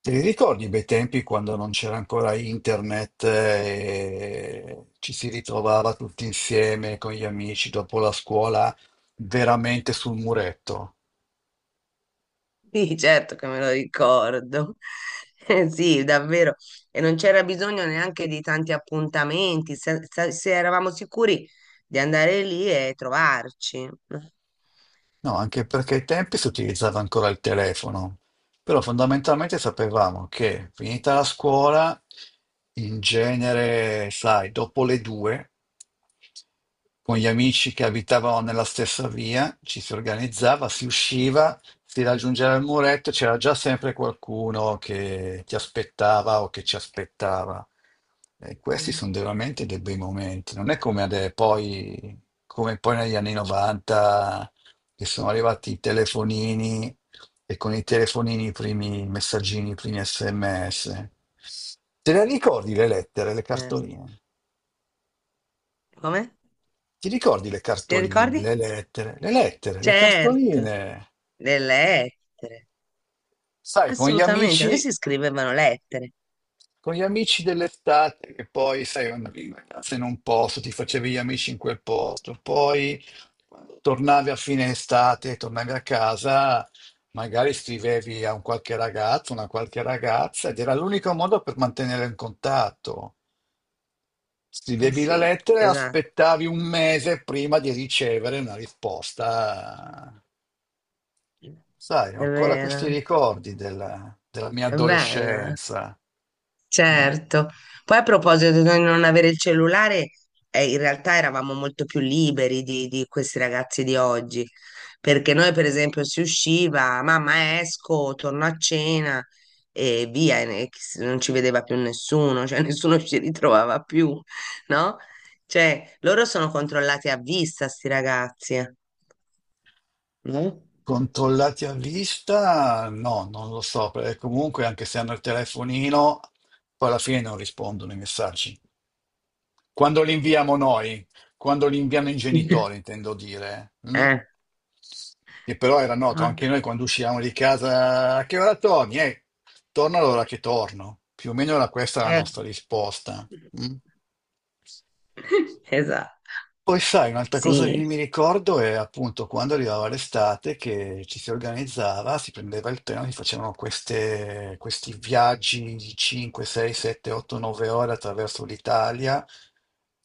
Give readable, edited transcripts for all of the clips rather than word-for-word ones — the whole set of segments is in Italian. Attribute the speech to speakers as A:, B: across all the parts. A: Te li ricordi i bei tempi quando non c'era ancora internet e ci si ritrovava tutti insieme con gli amici dopo la scuola, veramente sul muretto?
B: Sì, certo che me lo ricordo. Sì, davvero. E non c'era bisogno neanche di tanti appuntamenti, se eravamo sicuri di andare lì e trovarci, no?
A: No, anche perché ai tempi si utilizzava ancora il telefono, però fondamentalmente sapevamo che finita la scuola, in genere, sai, dopo le due, con gli amici che abitavano nella stessa via, ci si organizzava, si usciva, si raggiungeva il muretto, c'era già sempre qualcuno che ti aspettava o che ci aspettava. E questi
B: Mm.
A: sono veramente dei bei momenti, non è come poi negli anni 90 che sono arrivati i telefonini, e con i telefonini i primi messaggini, i primi SMS. Te le ricordi le lettere, le
B: Certo.
A: cartoline?
B: Come?
A: Ti ricordi le
B: Ti
A: cartoline,
B: ricordi?
A: le lettere, le
B: Certo,
A: cartoline?
B: le lettere.
A: Sai, con gli
B: Assolutamente, noi
A: amici
B: si scrivevano lettere.
A: Con gli amici dell'estate, che poi, sai, andavi in vacanza in un posto, ti facevi gli amici in quel posto, poi quando tornavi a fine estate, tornavi a casa, magari scrivevi a un qualche ragazzo, una qualche ragazza, ed era l'unico modo per mantenere in contatto.
B: Eh
A: Scrivevi la
B: sì,
A: lettera e
B: esatto.
A: aspettavi un mese prima di ricevere una risposta. Sai, ho
B: È
A: ancora questi
B: vero.
A: ricordi della mia
B: È bello, eh?
A: adolescenza. Mm.
B: Certo. Poi a proposito di non avere il cellulare, in realtà eravamo molto più liberi di questi ragazzi di oggi, perché noi per esempio si usciva, mamma esco, torno a cena e via, e non ci vedeva più nessuno, cioè nessuno ci ritrovava più, no? Cioè, loro sono controllati a vista, sti ragazzi, eh, no?
A: Controllati a vista? No, non lo so, perché comunque anche se hanno il telefonino, poi alla fine non rispondono i messaggi. Quando li inviamo noi, quando li inviano i genitori, intendo dire, mm?
B: Eh.
A: Che però era noto
B: Eh.
A: anche noi quando uscivamo di casa. A che ora torni? Torno all'ora che torno. Più o meno era questa la
B: Eh.
A: nostra risposta. Mm?
B: Esatto,
A: Poi sai, un'altra cosa che
B: sì.
A: mi ricordo è appunto quando arrivava l'estate, che ci si organizzava, si prendeva il treno, si facevano questi viaggi di 5, 6, 7, 8, 9 ore attraverso l'Italia.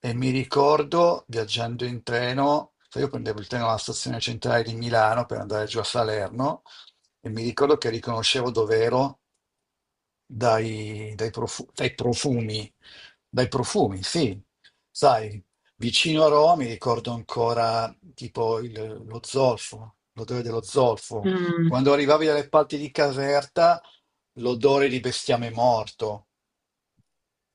A: E mi ricordo viaggiando in treno, sai, io prendevo il treno alla stazione centrale di Milano per andare giù a Salerno, e mi ricordo che riconoscevo dove ero dai, dai profu- dai profumi, dai profumi, sì. Sai, vicino a Roma mi ricordo ancora tipo lo zolfo, l'odore dello zolfo.
B: Mm.
A: Quando arrivavi dalle parti di Caserta, l'odore di bestiame morto.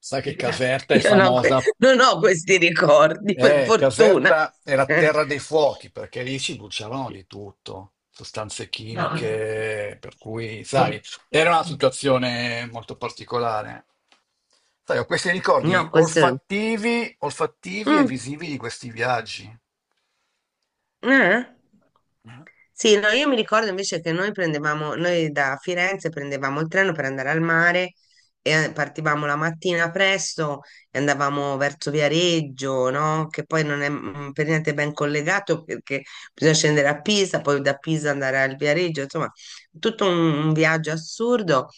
A: Sai che Caserta è
B: Io no,
A: famosa.
B: non ho questi ricordi, per fortuna.
A: Caserta era
B: Eh,
A: terra dei fuochi perché lì si bruciavano di tutto, sostanze
B: No,
A: chimiche, per cui, sai, era una situazione molto particolare. Sai, ho questi ricordi
B: no, questo... è...
A: olfattivi, olfattivi e
B: Mm,
A: visivi di questi viaggi.
B: eh? Sì, no, io mi ricordo invece che noi da Firenze prendevamo il treno per andare al mare e partivamo la mattina presto e andavamo verso Viareggio, no? Che poi non è per niente ben collegato, perché bisogna scendere a Pisa, poi da Pisa andare al Viareggio, insomma, tutto un, un viaggio assurdo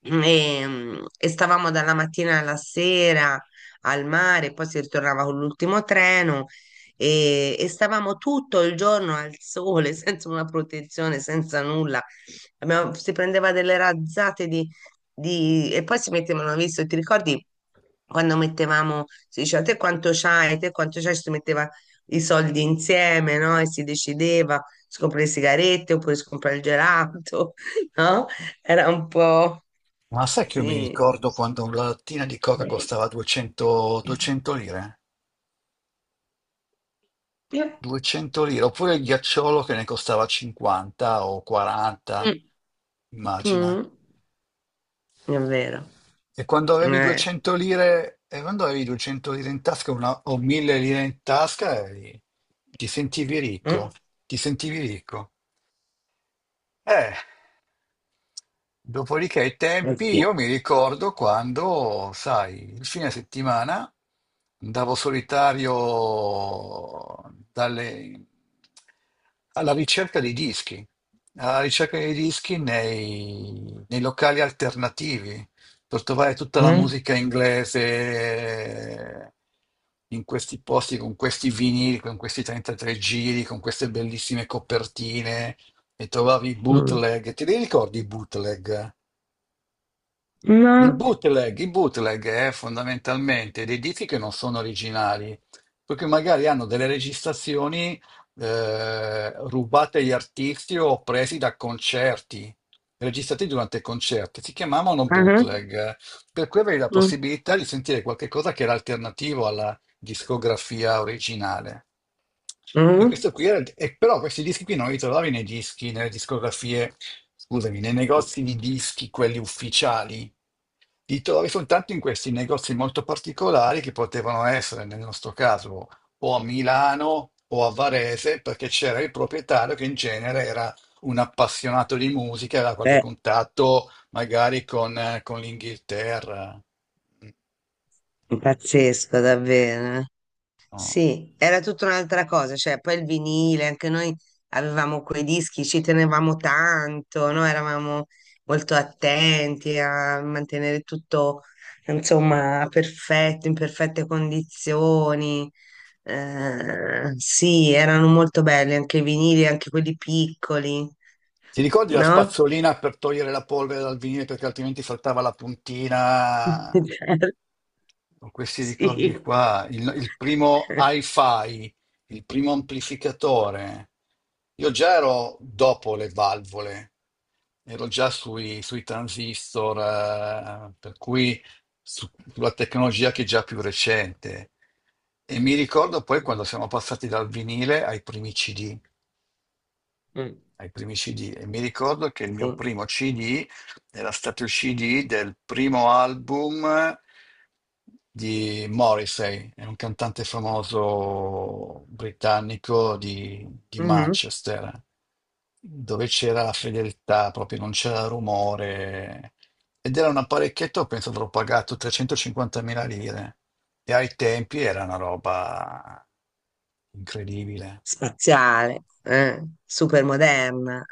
B: e, e stavamo dalla mattina alla sera al mare, poi si ritornava con l'ultimo treno e stavamo tutto il giorno al sole, senza una protezione, senza nulla. Si prendeva delle razzate e poi si mettevano, visto, ti ricordi quando mettevamo, si diceva te quanto c'hai, si metteva i soldi insieme, no? E si decideva se comprare le sigarette oppure se comprare il gelato, no? Era un po'.
A: Ma sai che io mi
B: Sì.
A: ricordo quando una lattina di coca
B: Eh.
A: costava 200, 200 lire?
B: Eh.
A: 200 lire, oppure il ghiacciolo che ne costava 50 o
B: Mm.
A: 40, immagina.
B: Mm. È vero.
A: E quando avevi
B: Eh.
A: 200 lire, e quando avevi 200 lire in tasca, o 1000 lire in tasca, ti sentivi ricco,
B: Mm.
A: ti sentivi ricco. Eh. Dopodiché i
B: Eh
A: tempi,
B: sì.
A: io mi ricordo quando, sai, il fine settimana andavo solitario dalle- alla ricerca dei dischi, alla ricerca dei dischi nei locali alternativi, per trovare tutta la
B: Mm.
A: musica inglese in questi posti, con questi vinili, con questi 33 giri, con queste bellissime copertine, e trovavi i
B: Mm.
A: bootleg. Te li ricordi i bootleg? Il
B: No.
A: bootleg, il bootleg è fondamentalmente dei dischi che non sono originali, perché magari hanno delle registrazioni rubate agli artisti o presi da concerti, registrati durante concerti. Si chiamavano
B: Ah.
A: bootleg, per cui avevi la
B: Mm.
A: possibilità di sentire qualche cosa che era alternativo alla discografia originale. E
B: Mm.
A: questo qui era, e però questi dischi qui non li trovavi nei dischi, nelle discografie, scusami, nei negozi di dischi, quelli ufficiali. Ti trovi soltanto in questi negozi molto particolari, che potevano essere, nel nostro caso, o a Milano o a Varese, perché c'era il proprietario che in genere era un appassionato di musica, aveva qualche
B: Beh,
A: contatto magari con l'Inghilterra.
B: pazzesco davvero.
A: No.
B: Sì, era tutta un'altra cosa, cioè poi il vinile, anche noi avevamo quei dischi, ci tenevamo tanto, no? Eravamo molto attenti a mantenere tutto, insomma, perfetto, in perfette condizioni. Sì, erano molto belli anche i vinili, anche quelli piccoli,
A: Ti ricordi la
B: no?
A: spazzolina per togliere la polvere dal vinile perché altrimenti saltava la puntina?
B: Certo.
A: Con questi ricordi
B: Sì.
A: qua, il primo hi-fi, il primo amplificatore. Io già ero dopo le valvole, ero già sui transistor, per cui sulla tecnologia che è già più recente. E mi ricordo poi quando siamo passati dal vinile ai primi CD. Ai primi CD. E mi ricordo che il mio
B: Sì.
A: primo CD era stato il CD del primo album di Morrissey, è un cantante famoso britannico di
B: Mhm.
A: Manchester, dove c'era la fedeltà, proprio non c'era rumore. Ed era un apparecchietto, penso avrò pagato 350.000 lire. E ai tempi era una roba incredibile.
B: Spaziale, super moderna.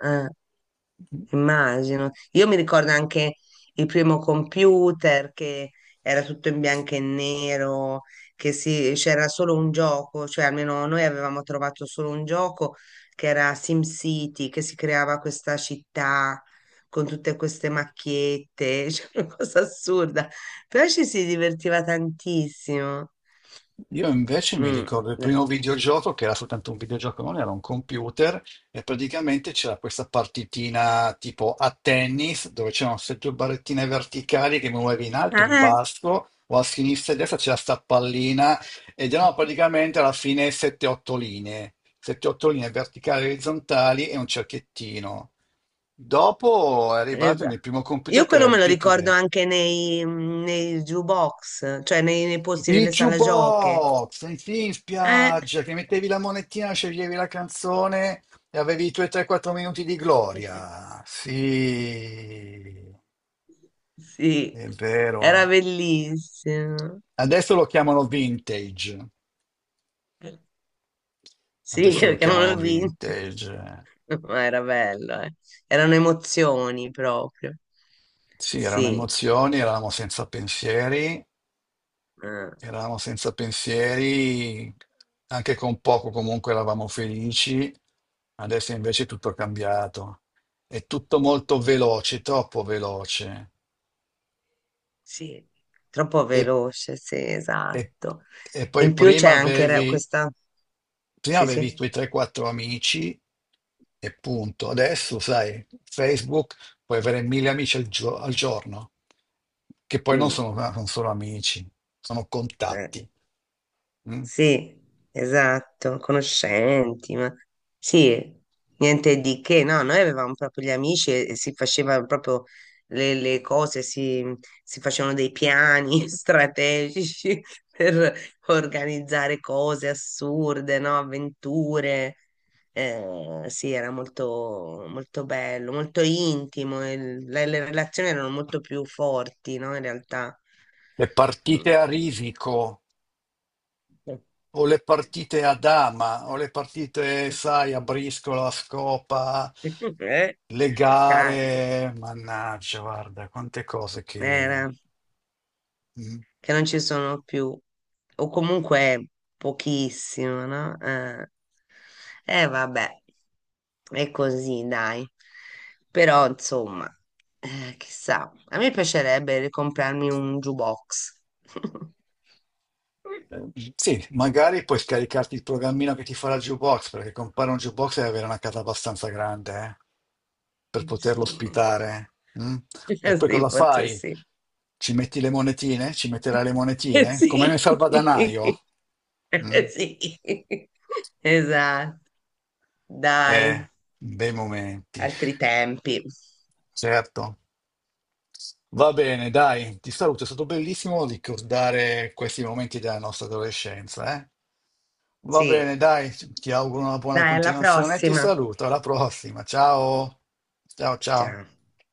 B: Immagino. Io mi ricordo anche il primo computer che era tutto in bianco e nero, che c'era solo un gioco, cioè almeno noi avevamo trovato solo un gioco che era SimCity, che si creava questa città con tutte queste macchiette, cioè una cosa assurda, però ci si divertiva tantissimo.
A: Io invece mi
B: Mm.
A: ricordo il primo videogioco, che era soltanto un videogioco, non era un computer, e praticamente c'era questa partitina tipo a tennis dove c'erano sette barrettine verticali che muovevi in alto, in
B: Eh.
A: basso, o a sinistra e a destra c'era sta pallina, ed erano praticamente alla fine 7-8 linee, 7-8 linee verticali e orizzontali e un cerchettino. Dopo è arrivato il mio
B: Esatto.
A: primo computer
B: Io
A: che era
B: quello
A: il
B: me lo
A: VIC.
B: ricordo anche nei jukebox, cioè nei posti
A: Il
B: nelle sale giochi.
A: jukebox, senti, in
B: Eh,
A: spiaggia, che mettevi la monetina, sceglievi la canzone e avevi i tuoi 3-4 minuti di gloria. Sì,
B: sì,
A: è
B: era
A: vero.
B: bellissimo.
A: Adesso lo chiamano vintage.
B: Sì,
A: Adesso lo
B: perché non
A: chiamano
B: l'ho vinto,
A: vintage.
B: ma era bello, eh. Erano emozioni proprio.
A: Sì, erano
B: Sì,
A: emozioni, eravamo senza pensieri.
B: eh,
A: Eravamo senza pensieri, anche con poco comunque eravamo felici, adesso invece è tutto cambiato. È tutto molto veloce, troppo veloce.
B: sì, troppo
A: E,
B: veloce, sì,
A: e-
B: esatto.
A: e
B: E
A: poi
B: in più c'è
A: prima
B: anche
A: avevi,
B: questa...
A: prima
B: Sì,
A: avevi i
B: sì.
A: tuoi 3-4 amici e punto. Adesso, sai, Facebook, puoi avere mille amici al giorno, che poi non
B: Mm.
A: sono, non sono amici, sono
B: Eh.
A: contatti. Mm?
B: Sì, esatto, conoscenti, ma sì, niente di che, no, noi avevamo proprio gli amici e si facevano proprio le cose, si facevano dei piani strategici per organizzare cose assurde, no, avventure. Sì, era molto, molto bello, molto intimo, e le relazioni erano molto più forti, no, in realtà.
A: E partite
B: Mm.
A: a risico. O le partite a dama, o le partite, sai, a briscola, a scopa,
B: Eh,
A: le
B: a carte,
A: gare, mannaggia, guarda, quante cose che...
B: era,
A: Mm.
B: che non ci sono più, o comunque pochissimo, no? Vabbè, è così, dai. Però, insomma, chissà, a me piacerebbe ricomprarmi un jukebox.
A: Eh, Sì, magari puoi scaricarti il programmino che ti farà il jukebox, perché comprare un jukebox deve avere una casa abbastanza grande, per poterlo
B: Sì.
A: ospitare. Mm? E poi
B: Sì,
A: cosa
B: forse
A: fai?
B: sì.
A: Ci metti le monetine? Ci metterai le monetine? Come nel
B: Sì,
A: salvadanaio? Mm?
B: eh, sì, esatto,
A: Eh,
B: dai.
A: Bei momenti,
B: Altri tempi.
A: certo. Va bene, dai, ti saluto, è stato bellissimo ricordare questi momenti della nostra adolescenza, eh. Va bene,
B: Sì.
A: dai, ti auguro una buona
B: Dai, alla
A: continuazione e ti
B: prossima.
A: saluto, alla prossima, ciao, ciao, ciao.
B: Ciao.